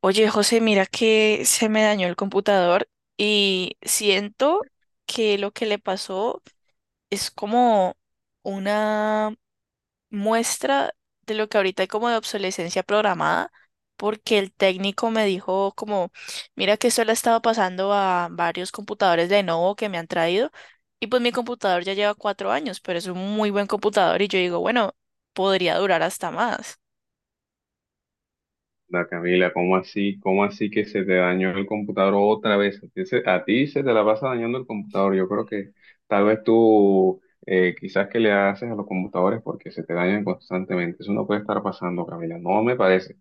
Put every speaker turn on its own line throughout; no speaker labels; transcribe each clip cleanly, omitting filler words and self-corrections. Oye, José, mira que se me dañó el computador y siento que lo que le pasó es como una muestra de lo que ahorita hay como de obsolescencia programada, porque el técnico me dijo como, mira que esto le ha estado pasando a varios computadores de Lenovo que me han traído y pues mi computador ya lleva 4 años, pero es un muy buen computador y yo digo, bueno, podría durar hasta más.
Da Camila, ¿cómo así? ¿Cómo así que se te dañó el computador otra vez? A ti se te la pasa dañando el computador. Yo creo que tal vez tú quizás que le haces a los computadores porque se te dañan constantemente. Eso no puede estar pasando, Camila. No me parece.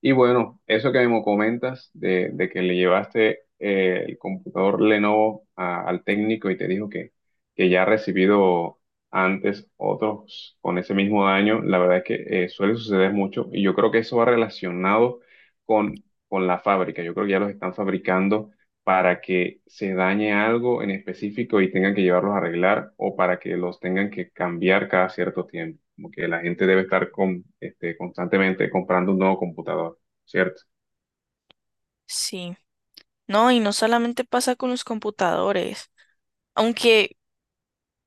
Y bueno, eso que me comentas de que le llevaste el computador Lenovo al técnico y te dijo que ya ha recibido antes, otros con ese mismo daño. La verdad es que suele suceder mucho y yo creo que eso va relacionado con la fábrica. Yo creo que ya los están fabricando para que se dañe algo en específico y tengan que llevarlos a arreglar o para que los tengan que cambiar cada cierto tiempo. Como que la gente debe estar con, este, constantemente comprando un nuevo computador, ¿cierto?
Sí, no, y no solamente pasa con los computadores. Aunque,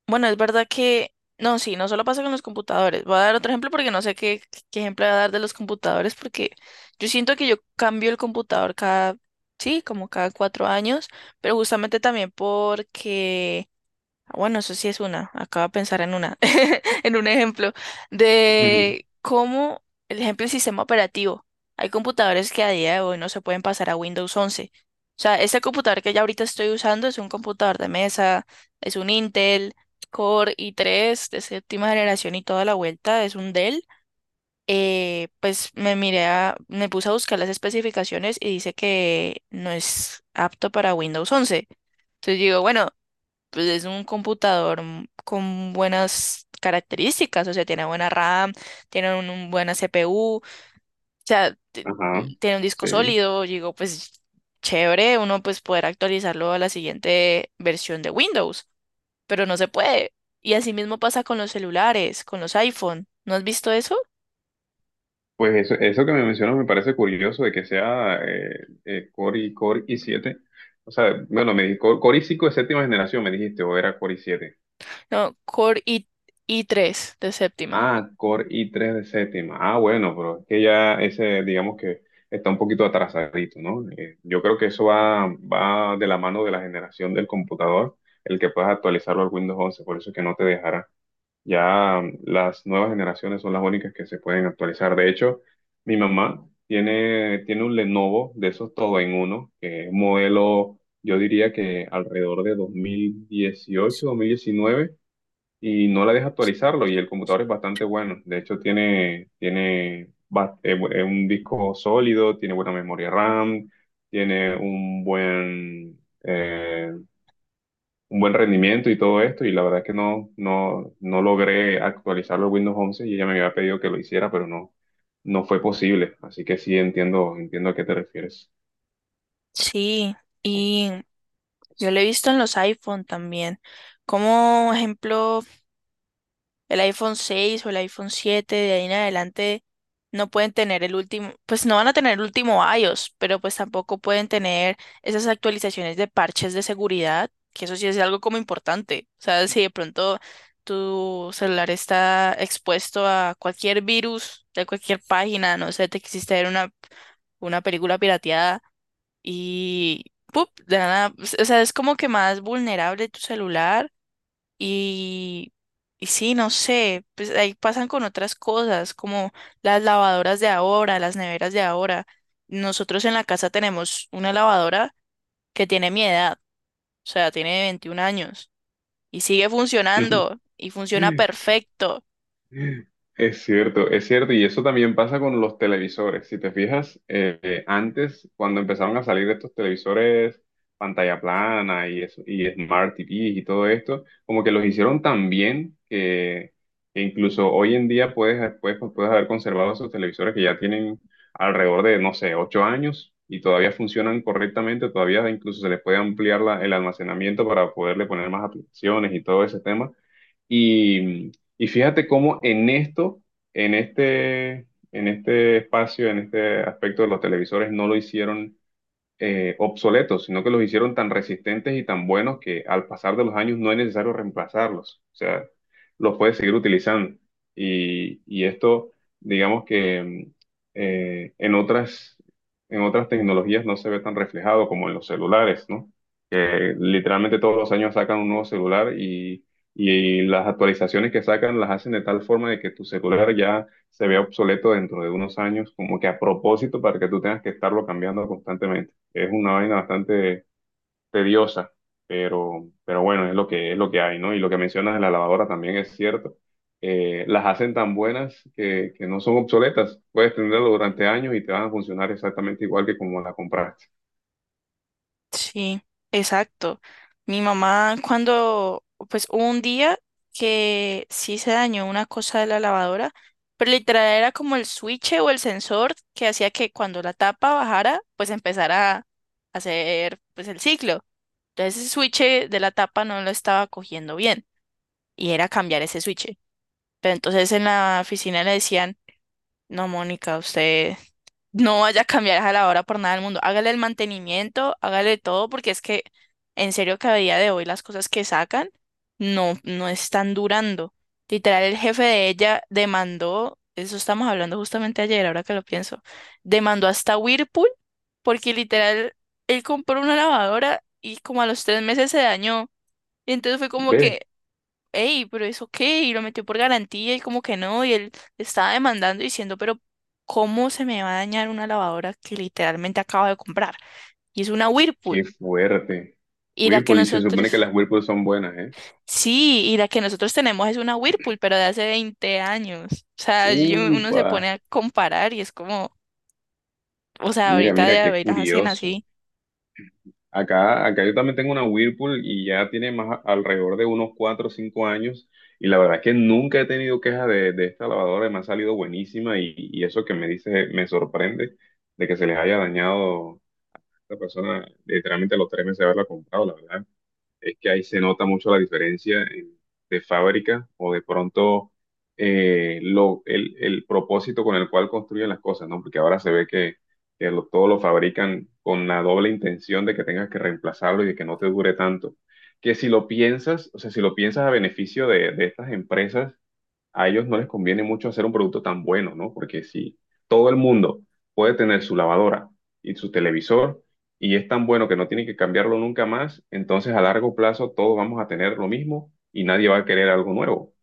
bueno, es verdad que, no, sí, no solo pasa con los computadores. Voy a dar otro ejemplo porque no sé qué ejemplo voy a dar de los computadores, porque yo siento que yo cambio el computador cada, sí, como cada 4 años, pero justamente también porque. Ah, bueno, eso sí es una. Acabo de pensar en una, en un ejemplo de cómo, el ejemplo del sistema operativo. Hay computadores que a día de hoy no se pueden pasar a Windows 11. O sea, este computador que ya ahorita estoy usando es un computador de mesa, es un Intel Core i3 de séptima generación y toda la vuelta, es un Dell. Pues me puse a buscar las especificaciones y dice que no es apto para Windows 11. Entonces digo, bueno, pues es un computador con buenas características, o sea, tiene buena RAM, tiene un buena CPU, o sea,
Ajá,
tiene un disco
sí.
sólido, digo, pues chévere, uno pues poder actualizarlo a la siguiente versión de Windows, pero no se puede. Y así mismo pasa con los celulares, con los iPhone. ¿No has visto eso?
Pues eso que me mencionas me parece curioso de que sea Core i7. O sea, bueno, me dijiste Core i5 de séptima generación, me dijiste, o era Core i7.
No, Core i i3 de séptima.
Ah, Core i3 de séptima. Ah, bueno, pero es que ya ese, digamos que está un poquito atrasadito, ¿no? Yo creo que eso va de la mano de la generación del computador, el que puedas actualizarlo al Windows 11, por eso es que no te dejará. Ya las nuevas generaciones son las únicas que se pueden actualizar. De hecho, mi mamá tiene un Lenovo de esos todo en uno, que es un modelo, yo diría que alrededor de dos mil dieciocho, 2019, y no la deja actualizarlo. Y el computador es bastante bueno. De hecho, tiene un disco sólido, tiene buena memoria RAM, tiene un buen rendimiento y todo esto, y la verdad que no logré actualizarlo a Windows 11 y ella me había pedido que lo hiciera, pero no fue posible. Así que sí entiendo, a qué te refieres.
Sí, y yo lo he visto en los iPhone también. Como ejemplo. El iPhone 6 o el iPhone 7 de ahí en adelante no pueden tener el último, pues no van a tener el último iOS, pero pues tampoco pueden tener esas actualizaciones de parches de seguridad, que eso sí es algo como importante. O sea, si de pronto tu celular está expuesto a cualquier virus de cualquier página, no sé, te quisiste ver una película pirateada y ¡pup!, de la nada, o sea, es como que más vulnerable tu celular y, y sí, no sé, pues ahí pasan con otras cosas, como las lavadoras de ahora, las neveras de ahora. Nosotros en la casa tenemos una lavadora que tiene mi edad, o sea, tiene 21 años y sigue funcionando y funciona perfecto.
Es cierto, y eso también pasa con los televisores. Si te fijas, antes, cuando empezaron a salir estos televisores pantalla plana y Smart TV y todo esto, como que los hicieron tan bien que incluso hoy en día puedes, después, pues, puedes haber conservado esos televisores que ya tienen alrededor de, no sé, 8 años, y todavía funcionan correctamente, todavía incluso se les puede ampliar el almacenamiento para poderle poner más aplicaciones y todo ese tema. Y, y fíjate cómo en esto, en este, en este aspecto de los televisores, no lo hicieron obsoletos, sino que los hicieron tan resistentes y tan buenos que al pasar de los años no es necesario reemplazarlos. O sea, los puedes seguir utilizando. Y esto, digamos que eh, en otras, en otras tecnologías no se ve tan reflejado como en los celulares, ¿no? Que literalmente todos los años sacan un nuevo celular y las actualizaciones que sacan las hacen de tal forma de que tu celular ya se vea obsoleto dentro de unos años, como que a propósito para que tú tengas que estarlo cambiando constantemente. Es una vaina bastante tediosa, pero bueno, es lo que hay, ¿no? Y lo que mencionas de la lavadora también es cierto. Las hacen tan buenas que no son obsoletas. Puedes tenerlo durante años y te van a funcionar exactamente igual que como la compraste.
Sí, exacto. Mi mamá, cuando, pues hubo un día que sí se dañó una cosa de la lavadora, pero literal era como el switch o el sensor que hacía que cuando la tapa bajara, pues empezara a hacer pues el ciclo. Entonces ese switch de la tapa no lo estaba cogiendo bien y era cambiar ese switch. Pero entonces en la oficina le decían, no, Mónica, usted no vaya a cambiar a la lavadora por nada del mundo. Hágale el mantenimiento, hágale todo, porque es que en serio que a día de hoy las cosas que sacan no, no están durando. Literal, el jefe de ella demandó, eso estamos hablando justamente ayer, ahora que lo pienso, demandó hasta Whirlpool, porque literal, él compró una lavadora y como a los 3 meses se dañó. Y entonces fue como
Ve,
que, ey, pero eso qué, y lo metió por garantía y como que no, y él estaba demandando diciendo, pero ¿cómo se me va a dañar una lavadora que literalmente acabo de comprar? Y es una Whirlpool,
qué fuerte.
y la que
Whirlpool, y se
nosotros,
supone que las Whirlpool son buenas, ¿eh?
sí, y la que nosotros tenemos es una Whirlpool, pero de hace 20 años. O sea, uno se
Upa,
pone a comparar y es como, o sea,
mira,
ahorita
mira,
de
qué
haber las hacen
curioso.
así.
Acá yo también tengo una Whirlpool y ya tiene alrededor de unos 4 o 5 años, y la verdad es que nunca he tenido quejas de esta lavadora, me ha salido buenísima, y eso que me dice me sorprende de que se les haya dañado a esta persona literalmente a los 3 meses de haberla comprado. La verdad es que ahí se nota mucho la diferencia de fábrica o de pronto el propósito con el cual construyen las cosas, ¿no? Porque ahora se ve que todo lo fabrican con la doble intención de que tengas que reemplazarlo y de que no te dure tanto. Que si lo piensas, o sea, si lo piensas a beneficio de estas empresas, a ellos no les conviene mucho hacer un producto tan bueno, ¿no? Porque si todo el mundo puede tener su lavadora y su televisor y es tan bueno que no tiene que cambiarlo nunca más, entonces a largo plazo todos vamos a tener lo mismo y nadie va a querer algo nuevo,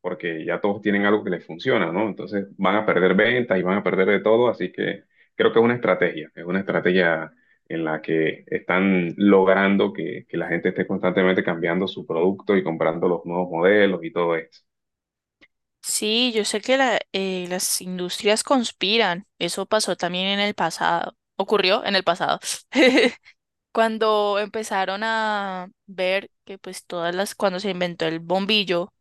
porque ya todos tienen algo que les funciona, ¿no? Entonces van a perder ventas y van a perder de todo, así que creo que es una estrategia, en la que están logrando que la gente esté constantemente cambiando su producto y comprando los nuevos modelos y todo esto.
Sí, yo sé que las industrias conspiran, eso pasó también en el pasado, ocurrió en el pasado. Cuando empezaron a ver que pues cuando se inventó el bombillo,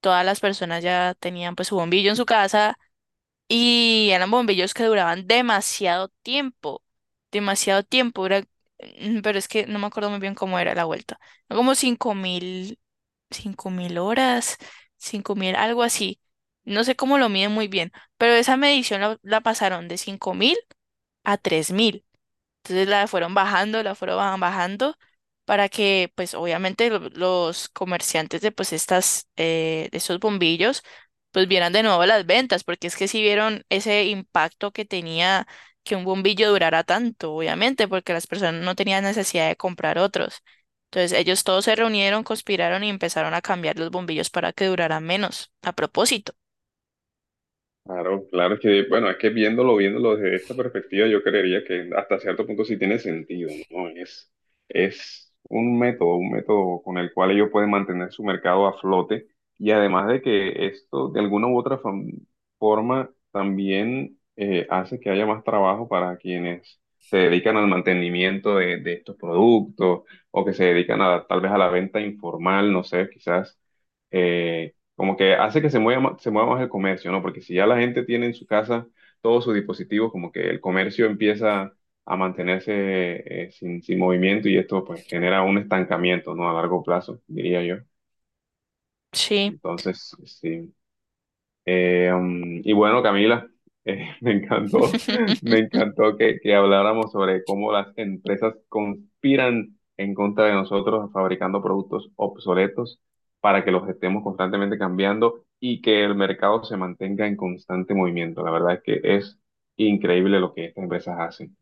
todas las personas ya tenían pues su bombillo en su casa y eran bombillos que duraban demasiado tiempo, era, pero es que no me acuerdo muy bien cómo era la vuelta, como 5.000, 5.000 horas, 5.000, algo así, no sé cómo lo miden muy bien, pero esa medición la pasaron de 5.000 a 3.000, entonces la fueron bajando, la fueron bajando para que pues obviamente los comerciantes de pues de esos bombillos pues vieran de nuevo las ventas, porque es que si vieron ese impacto que tenía que un bombillo durara tanto, obviamente, porque las personas no tenían necesidad de comprar otros. Entonces ellos todos se reunieron, conspiraron y empezaron a cambiar los bombillos para que duraran menos, a propósito.
Claro, claro, es que, bueno, es que viéndolo, viéndolo desde esta perspectiva, yo creería que hasta cierto punto sí tiene sentido, ¿no? Es un método, con el cual ellos pueden mantener su mercado a flote, y además de que esto de alguna u otra forma también hace que haya más trabajo para quienes se dedican al mantenimiento de estos productos, o que se dedican a, tal vez a la venta informal, no sé, quizás. Eh, como que hace que se mueva, se mueva más el comercio, ¿no? Porque si ya la gente tiene en su casa todos sus dispositivos, como que el comercio empieza a mantenerse sin movimiento, y esto pues genera un estancamiento, ¿no? A largo plazo, diría yo.
Sí.
Entonces, sí. Y bueno, Camila, eh, me encantó, me encantó que habláramos sobre cómo las empresas conspiran en contra de nosotros fabricando productos obsoletos para que los estemos constantemente cambiando y que el mercado se mantenga en constante movimiento. La verdad es que es increíble lo que estas empresas hacen.